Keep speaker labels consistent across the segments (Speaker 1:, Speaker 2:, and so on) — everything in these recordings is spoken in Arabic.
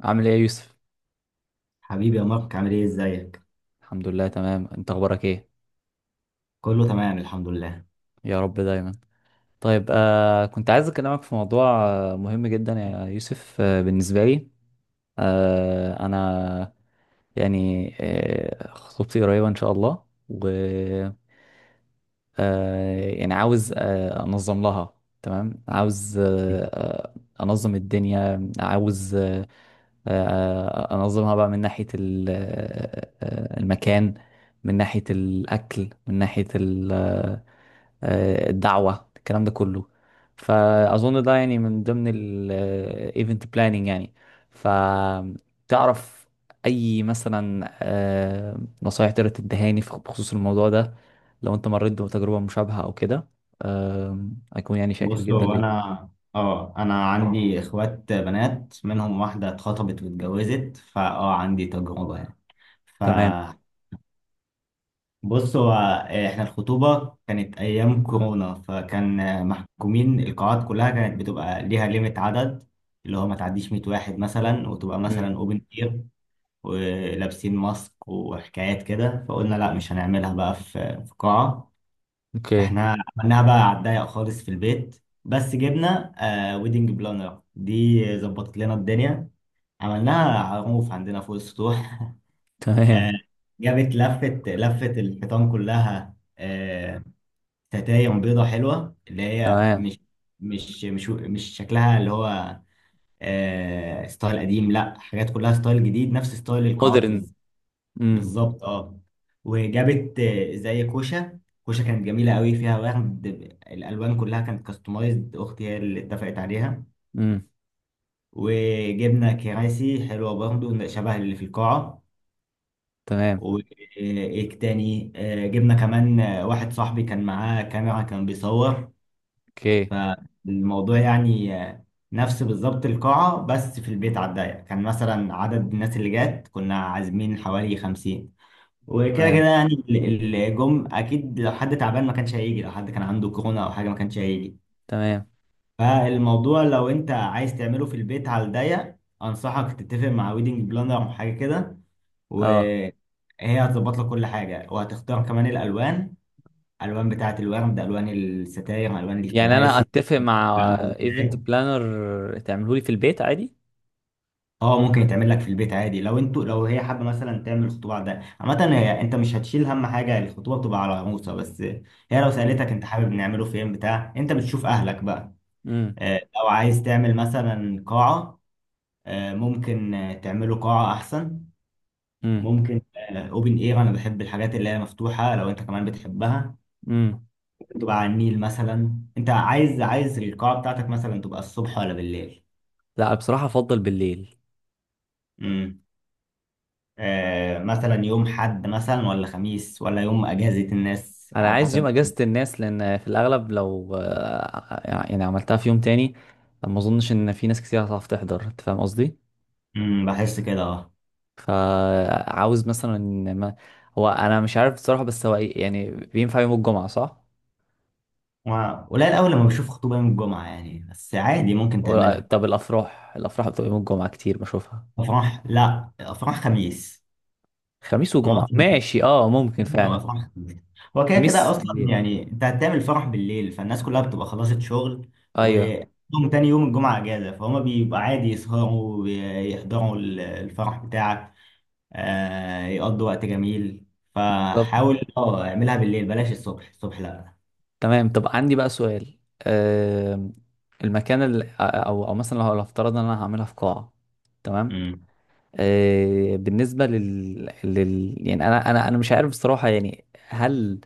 Speaker 1: عامل ايه يا يوسف؟
Speaker 2: حبيبي يا مارك، عامل ايه؟ ازيك؟
Speaker 1: الحمد لله تمام. انت اخبارك ايه؟
Speaker 2: كله تمام الحمد لله.
Speaker 1: يا رب دايما. طيب كنت عايز اكلمك في موضوع مهم جدا يا يوسف، بالنسبه لي. انا يعني خطوبتي قريبه ان شاء الله. يعني عاوز انظم لها. تمام، عاوز انظم الدنيا. عاوز آه، انظمها بقى من ناحية المكان، من ناحية الاكل، من ناحية الدعوة، الكلام ده كله. فأظن ده يعني من ضمن الايفنت بلاننج يعني. فتعرف أي مثلا نصايح تقدر تدهاني بخصوص الموضوع ده، لو أنت مريت بتجربة مشابهة أو كده؟ أكون يعني شاكر
Speaker 2: بص،
Speaker 1: جدا
Speaker 2: هو
Speaker 1: ليك.
Speaker 2: انا اه انا عندي اخوات بنات، منهم واحده اتخطبت واتجوزت، فاه عندي تجربه يعني.
Speaker 1: تمام.
Speaker 2: فبص، هو احنا الخطوبه كانت ايام كورونا، فكان محكومين. القاعات كلها كانت بتبقى ليها ليميت عدد، اللي هو ما تعديش 100 واحد مثلا، وتبقى
Speaker 1: مم.
Speaker 2: مثلا اوبن اير ولابسين ماسك وحكايات كده. فقلنا لا، مش هنعملها بقى في قاعه.
Speaker 1: اوكي.
Speaker 2: احنا عملناها بقى على الضيق خالص في البيت، بس جبنا آه ويدنج بلانر، دي ظبطت لنا الدنيا. عملناها على الرoof عندنا فوق السطوح آه،
Speaker 1: تمام.
Speaker 2: جابت لفت لفت الحيطان كلها، آه، ستاير بيضة حلوة، اللي هي
Speaker 1: تمام.
Speaker 2: مش مش شكلها اللي هو آه ستايل قديم، لا، حاجات كلها ستايل جديد، نفس ستايل القاعات
Speaker 1: مودرن.
Speaker 2: بالظبط.
Speaker 1: امم.
Speaker 2: بالظبط، اه. وجابت زي كوشه، كوشه كانت جميله قوي، فيها ورد. الالوان كلها كانت كاستمايزد، اختي هي اللي اتفقت عليها.
Speaker 1: امم.
Speaker 2: وجبنا كراسي حلوه برضو شبه اللي في القاعه.
Speaker 1: تمام.
Speaker 2: وايه تاني، جبنا كمان واحد صاحبي كان معاه كاميرا، كان بيصور
Speaker 1: اوكي.
Speaker 2: الموضوع يعني. نفس بالظبط القاعه، بس في البيت على الضيق. كان مثلا عدد الناس اللي جات كنا عازمين حوالي 50. وكده كده
Speaker 1: تمام.
Speaker 2: يعني الجم، اكيد لو حد تعبان ما كانش هيجي، لو حد كان عنده كورونا او حاجه ما كانش هيجي.
Speaker 1: تمام.
Speaker 2: فالموضوع لو انت عايز تعمله في البيت على الضيق، انصحك تتفق مع ويدنج بلانر او حاجه كده،
Speaker 1: اه،
Speaker 2: وهي هتظبط لك كل حاجه، وهتختار كمان الالوان: الوان بتاعه الورد، الوان الستاير، الوان
Speaker 1: يعني انا
Speaker 2: الكراسي.
Speaker 1: اتفق مع
Speaker 2: بتعمل
Speaker 1: ايفنت
Speaker 2: إزاي.
Speaker 1: بلانر تعمله لي في البيت عادي؟
Speaker 2: اه، ممكن يتعمل لك في البيت عادي. لو انتوا، لو هي حابه مثلا تعمل خطوبه عاديه عامه، انت مش هتشيل هم حاجه، الخطوبه بتبقى على موسى. بس هي لو
Speaker 1: مم.
Speaker 2: سالتك انت حابب نعمله فين بتاع، انت بتشوف اهلك بقى.
Speaker 1: امم.
Speaker 2: لو عايز تعمل مثلا قاعه، ممكن تعمله قاعه احسن.
Speaker 1: امم.
Speaker 2: ممكن اوبن اير، انا بحب الحاجات اللي هي مفتوحه، لو انت كمان بتحبها
Speaker 1: امم.
Speaker 2: تبقى على النيل مثلا. انت عايز القاعه بتاعتك مثلا تبقى الصبح ولا بالليل؟
Speaker 1: لا، بصراحه افضل بالليل.
Speaker 2: مثلا يوم حد مثلا، ولا خميس، ولا يوم اجازة الناس
Speaker 1: انا
Speaker 2: على
Speaker 1: عايز يوم
Speaker 2: حسب.
Speaker 1: اجازه الناس، لان في الاغلب لو يعني عملتها في يوم تاني ما اظنش ان في ناس كتير هتعرف تحضر، انت فاهم قصدي.
Speaker 2: امم، بحس كده، اه.
Speaker 1: فعاوز مثلا إن ما، هو انا مش عارف بصراحه، بس هو يعني بينفع يوم الجمعه صح؟
Speaker 2: و- قليل قوي لما بشوف خطوبة يوم الجمعة يعني، بس عادي ممكن تعملها.
Speaker 1: طب الافراح، الافراح بتبقى يوم الجمعه كتير بشوفها.
Speaker 2: افراح لا، افراح خميس.
Speaker 1: خميس
Speaker 2: ما هو
Speaker 1: وجمعه،
Speaker 2: أصلاً
Speaker 1: ماشي اه ممكن فعلا.
Speaker 2: افراح خميس. هو كده كده
Speaker 1: خميس
Speaker 2: اصلا
Speaker 1: بالليل.
Speaker 2: يعني، انت هتعمل فرح بالليل، فالناس كلها بتبقى خلصت شغل،
Speaker 1: ايوه.
Speaker 2: ويوم تاني يوم الجمعة اجازة، فهم بيبقى عادي يسهروا ويحضروا الفرح بتاعك، آه، يقضوا وقت جميل. مم.
Speaker 1: بالظبط.
Speaker 2: فحاول اه اعملها بالليل، بلاش الصبح، الصبح لا.
Speaker 1: تمام. طب عندي بقى سؤال، آم، المكان اللي او او مثلا لو لو افترض ان انا هعملها في قاعه، تمام،
Speaker 2: مم.
Speaker 1: بالنسبه لل... لل يعني انا مش عارف بصراحه. يعني هل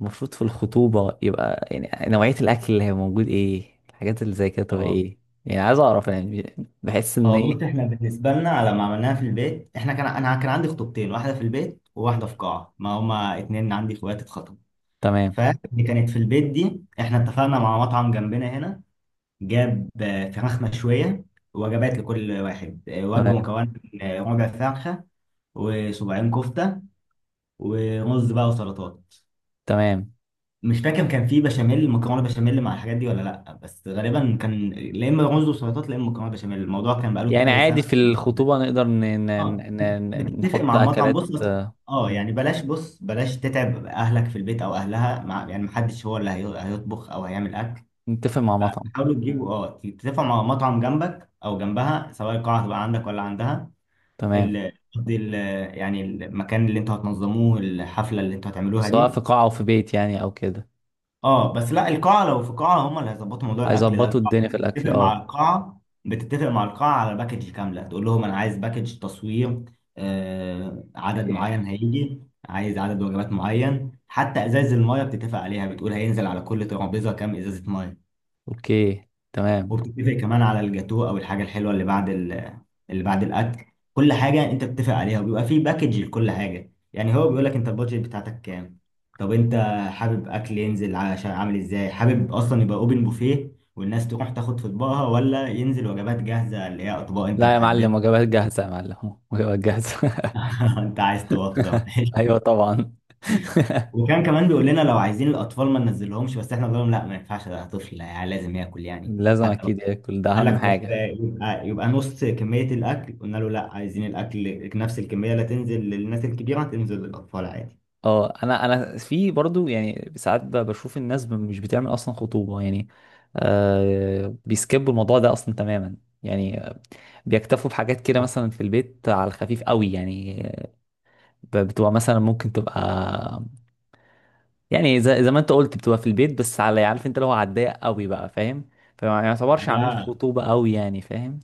Speaker 1: المفروض في الخطوبه يبقى يعني نوعيه الاكل اللي هي موجود ايه؟ الحاجات اللي زي كده تبقى
Speaker 2: اه
Speaker 1: ايه؟ يعني عايز اعرف يعني، بحس ان
Speaker 2: اه،
Speaker 1: ايه.
Speaker 2: بص، احنا بالنسبه لنا لما عملناها في البيت، احنا كان، انا كان عندي خطوبتين، واحده في البيت وواحده في قاعه، ما هما اتنين عندي اخوات اتخطبوا.
Speaker 1: تمام.
Speaker 2: فاللي كانت في البيت دي احنا اتفقنا مع مطعم جنبنا هنا، جاب فراخ مشويه، وجبات لكل واحد، وجبه
Speaker 1: تمام.
Speaker 2: مكونه من ربع فرخه، وصباعين كفته، ورز بقى وسلطات.
Speaker 1: تمام.
Speaker 2: مش فاكر كان في بشاميل مكرونه بشاميل مع الحاجات دي ولا لا، بس غالبا كان لا اما رز وسلطات، لا اما مكرونه بشاميل. الموضوع كان بقاله
Speaker 1: يعني
Speaker 2: كذا سنه.
Speaker 1: عادي في الخطوبه نقدر
Speaker 2: اه، بتتفق
Speaker 1: نحط
Speaker 2: مع المطعم.
Speaker 1: اكلات
Speaker 2: اه يعني، بلاش، بص، بلاش تتعب اهلك في البيت او اهلها، مع يعني محدش هو اللي هيطبخ او هيعمل اكل.
Speaker 1: نتفق مع مطعم.
Speaker 2: حاولوا
Speaker 1: مم.
Speaker 2: تجيبوا، اه، تتفقوا مع مطعم جنبك او جنبها، سواء القاعه هتبقى عندك ولا عندها.
Speaker 1: تمام.
Speaker 2: ال... قصدي ال... يعني المكان اللي انتوا هتنظموه، الحفله اللي انتوا هتعملوها
Speaker 1: سواء
Speaker 2: دي.
Speaker 1: في قاعة أو في بيت، يعني أو كده.
Speaker 2: اه بس لا، القاعة، لو في قاعة، هم اللي هيظبطوا موضوع الأكل ده.
Speaker 1: هيظبطوا
Speaker 2: القاعة
Speaker 1: الدنيا في الأكل
Speaker 2: بتتفق مع
Speaker 1: اه.
Speaker 2: القاعة على باكج كاملة. تقول لهم أنا عايز باكج تصوير، آه، عدد
Speaker 1: اوكي.
Speaker 2: معين هيجي، عايز عدد وجبات معين. حتى إزاز المية بتتفق عليها، بتقول هينزل على كل ترابيزة كام إزازة مية.
Speaker 1: أوكي تمام.
Speaker 2: وبتتفق كمان على الجاتوه او الحاجه الحلوه اللي بعد الاكل. كل حاجه انت بتتفق عليها، وبيبقى في باكج لكل حاجه. يعني هو بيقول لك انت البادجت بتاعتك كام، طب انت حابب اكل ينزل عشان عامل ازاي، حابب اصلا يبقى اوبن بوفيه والناس تروح تاخد في اطباقها، ولا ينزل وجبات جاهزه اللي هي اطباق انت
Speaker 1: لا يا
Speaker 2: محددها.
Speaker 1: معلم، وجبات جاهزة، يا معلم وجبات جاهزة.
Speaker 2: انت عايز توفر.
Speaker 1: أيوة طبعا.
Speaker 2: وكان كمان بيقول لنا لو عايزين الاطفال ما ننزلهمش، بس احنا بنقول لهم لا، ما ينفعش، ده طفل يعني، لازم ياكل يعني.
Speaker 1: لازم
Speaker 2: حتى
Speaker 1: أكيد ياكل، ده
Speaker 2: قال
Speaker 1: أهم
Speaker 2: لك طب،
Speaker 1: حاجة.
Speaker 2: يبقى نص كمية الأكل، قلنا له لا، عايزين الأكل نفس الكمية، لا تنزل للناس الكبيرة تنزل للأطفال عادي.
Speaker 1: اه، أنا أنا في برضو يعني ساعات بشوف الناس مش بتعمل أصلا خطوبة يعني. آه بيسكبوا الموضوع ده أصلا تماما يعني. بيكتفوا بحاجات كده، مثلا في البيت على الخفيف قوي يعني. بتبقى مثلا ممكن تبقى، يعني زي ما انت قلت بتبقى في البيت بس على، عارف انت اللي هو على الضيق قوي بقى، فاهم؟ فما يعتبرش عاملين
Speaker 2: أهلها،
Speaker 1: خطوبة قوي يعني، فاهم.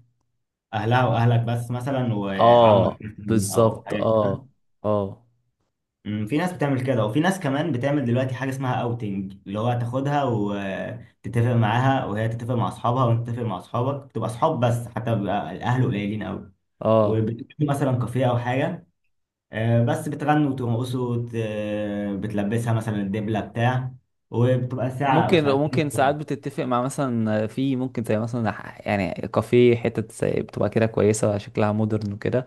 Speaker 2: أهلها وأهلك بس مثلا،
Speaker 1: اه.
Speaker 2: وعمك مثلاً أو
Speaker 1: بالظبط
Speaker 2: حاجة كده.
Speaker 1: اه. اه.
Speaker 2: أمم، في ناس بتعمل كده، وفي ناس كمان بتعمل دلوقتي حاجة اسمها أوتنج، اللي هو تاخدها وتتفق معاها، وهي تتفق مع أصحابها، وأنت تتفق مع أصحابك، تبقى أصحاب بس، حتى بيبقى الأهل قليلين أوي.
Speaker 1: اه.
Speaker 2: وبتكون مثلا كافيه أو حاجة، بس بتغنوا وترقصوا وت- آه، بتلبسها مثلا الدبلة بتاع، وبتبقى ساعة أو
Speaker 1: ممكن،
Speaker 2: ساعتين.
Speaker 1: ممكن ساعات بتتفق مع مثلا، في ممكن زي مثلا يعني كافيه، حتة زي بتبقى كده كويسة، شكلها مودرن وكده.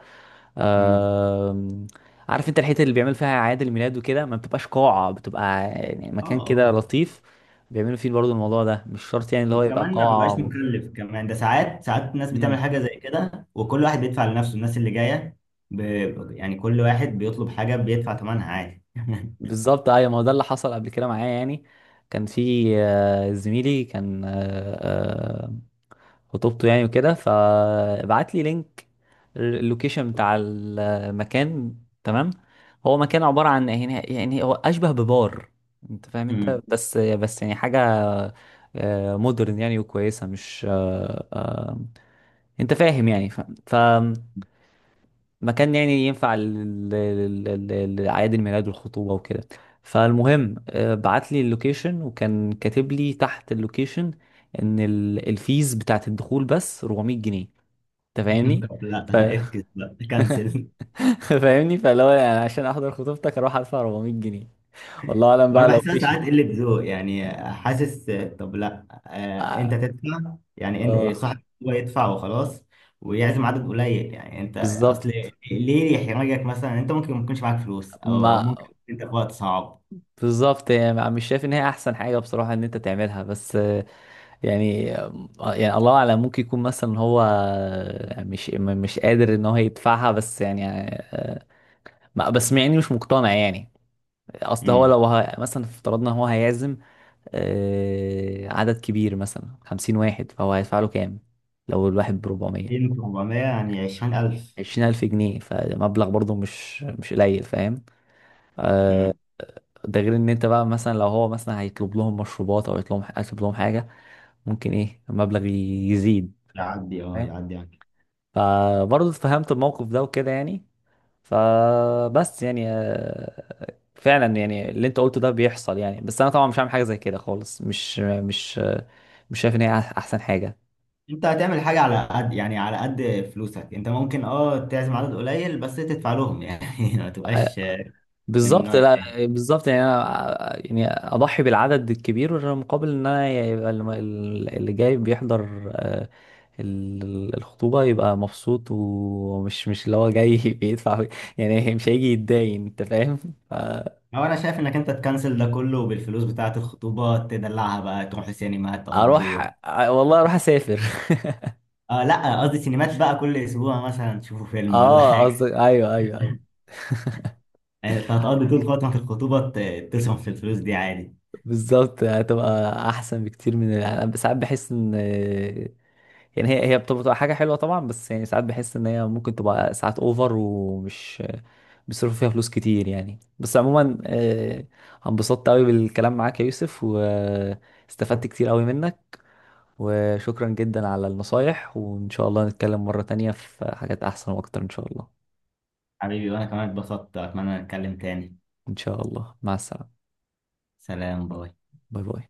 Speaker 2: امم،
Speaker 1: آم، عارف انت الحته اللي بيعمل فيها اعياد الميلاد وكده، ما بتبقاش قاعه، بتبقى يعني
Speaker 2: اه
Speaker 1: مكان كده
Speaker 2: اه.
Speaker 1: لطيف، بيعملوا فيه برضو الموضوع ده. مش شرط يعني اللي هو يبقى
Speaker 2: وكمان ما
Speaker 1: قاعه
Speaker 2: بيبقاش
Speaker 1: و...
Speaker 2: مكلف كمان، ده ساعات، ساعات الناس بتعمل
Speaker 1: مم.
Speaker 2: حاجة زي كده، وكل واحد بيدفع لنفسه، الناس اللي جاية ب... يعني كل واحد بيطلب حاجة بيدفع ثمنها عادي.
Speaker 1: بالظبط. ايوه، ما هو ده اللي حصل قبل كده معايا يعني. كان في زميلي كان خطوبته يعني وكده، فبعت لي لينك اللوكيشن بتاع المكان. تمام. هو مكان عباره عن يعني، يعني هو اشبه ببار، انت فاهم، انت
Speaker 2: امم.
Speaker 1: بس يعني حاجه مودرن يعني، وكويسة مش انت فاهم يعني. ف... فمكان يعني ينفع لأعياد الميلاد والخطوبة وكده. فالمهم بعت لي اللوكيشن، وكان كاتب لي تحت اللوكيشن ان الفيز بتاعت الدخول بس 400 جنيه. انت فاهمني؟
Speaker 2: طب لا،
Speaker 1: ف...
Speaker 2: افكس بقى كنسل.
Speaker 1: فاهمني؟ فلو يعني عشان احضر خطوبتك اروح ادفع 400 جنيه؟ والله اعلم
Speaker 2: وانا
Speaker 1: بقى لو في
Speaker 2: بحسها ساعات قله ذوق يعني، حاسس طب لا، انت
Speaker 1: اه.
Speaker 2: تدفع يعني، ان
Speaker 1: آه،
Speaker 2: صاحب هو يدفع وخلاص، ويعزم عدد قليل يعني. انت اصل
Speaker 1: بالظبط.
Speaker 2: ليه يحرجك مثلا؟ انت ممكن ما يكونش معاك فلوس،
Speaker 1: ما
Speaker 2: او ممكن انت في وقت صعب.
Speaker 1: بالظبط. يعني مش شايف ان هي احسن حاجه بصراحه ان انت تعملها، بس يعني يعني الله اعلم ممكن يكون مثلا هو مش مش قادر ان هو يدفعها، بس يعني آه، بس يعني مش مقتنع يعني. اصل هو
Speaker 2: امم.
Speaker 1: لو مثلا افترضنا هو هيعزم عدد كبير مثلا 50 واحد، فهو هيدفع له كام؟ لو الواحد بربعمية،
Speaker 2: 400 يعني 20,000.
Speaker 1: 20000 جنيه، فمبلغ برضه مش مش قليل فاهم.
Speaker 2: امم،
Speaker 1: ده غير ان انت بقى مثلا لو هو مثلا هيطلب لهم مشروبات او يطلب لهم، هيطلب لهم حاجة، ممكن ايه المبلغ يزيد.
Speaker 2: يعدي، اه
Speaker 1: فاهم.
Speaker 2: يعدي يعني.
Speaker 1: فبرضه اتفهمت الموقف ده وكده يعني. فبس يعني فعلا يعني اللي انت قلته ده بيحصل يعني، بس انا طبعا مش هعمل حاجه زي كده خالص. مش مش مش شايف ان هي احسن حاجه.
Speaker 2: انت هتعمل حاجه على قد يعني، على قد فلوسك، انت ممكن اه تعزم عدد قليل بس تدفع لهم يعني. ما
Speaker 1: آه،
Speaker 2: تبقاش من
Speaker 1: بالظبط،
Speaker 2: النوع التاني.
Speaker 1: لا. بالظبط يعني، انا يعني اضحي بالعدد الكبير مقابل ان انا يبقى اللي جاي بيحضر الخطوبة يبقى مبسوط، ومش مش اللي هو جاي بيدفع يعني. مش هيجي يتداين، انت فاهم. ف-
Speaker 2: هو انا شايف انك انت تكنسل ده كله، بالفلوس بتاعة الخطوبة تدلعها بقى، تروح سينما، تقضوا،
Speaker 1: اروح، والله اروح اسافر.
Speaker 2: آه لا، قصدي سينمات بقى كل اسبوع مثلا تشوفوا فيلم ولا
Speaker 1: اه
Speaker 2: حاجة.
Speaker 1: قصدك، ايوه ايوه ايوه.
Speaker 2: يعني انت هتقضي طول فترة الخطوبة تصرف في الفلوس دي عادي.
Speaker 1: بالظبط، هتبقى احسن بكتير. من، انا ساعات بحس ان يعني هي هي بتبقى حاجه حلوه طبعا، بس يعني ساعات بحس ان هي ممكن تبقى ساعات اوفر، ومش بيصرفوا فيها فلوس كتير يعني. بس عموما انبسطت قوي بالكلام معاك يا يوسف، واستفدت كتير قوي منك، وشكرا جدا على النصايح، وإن شاء الله نتكلم مرة تانية في حاجات أحسن وأكتر إن شاء الله.
Speaker 2: حبيبي، وانا كمان اتبسطت، اتمنى نتكلم تاني.
Speaker 1: إن شاء الله، مع السلامة.
Speaker 2: سلام، باي.
Speaker 1: باي باي.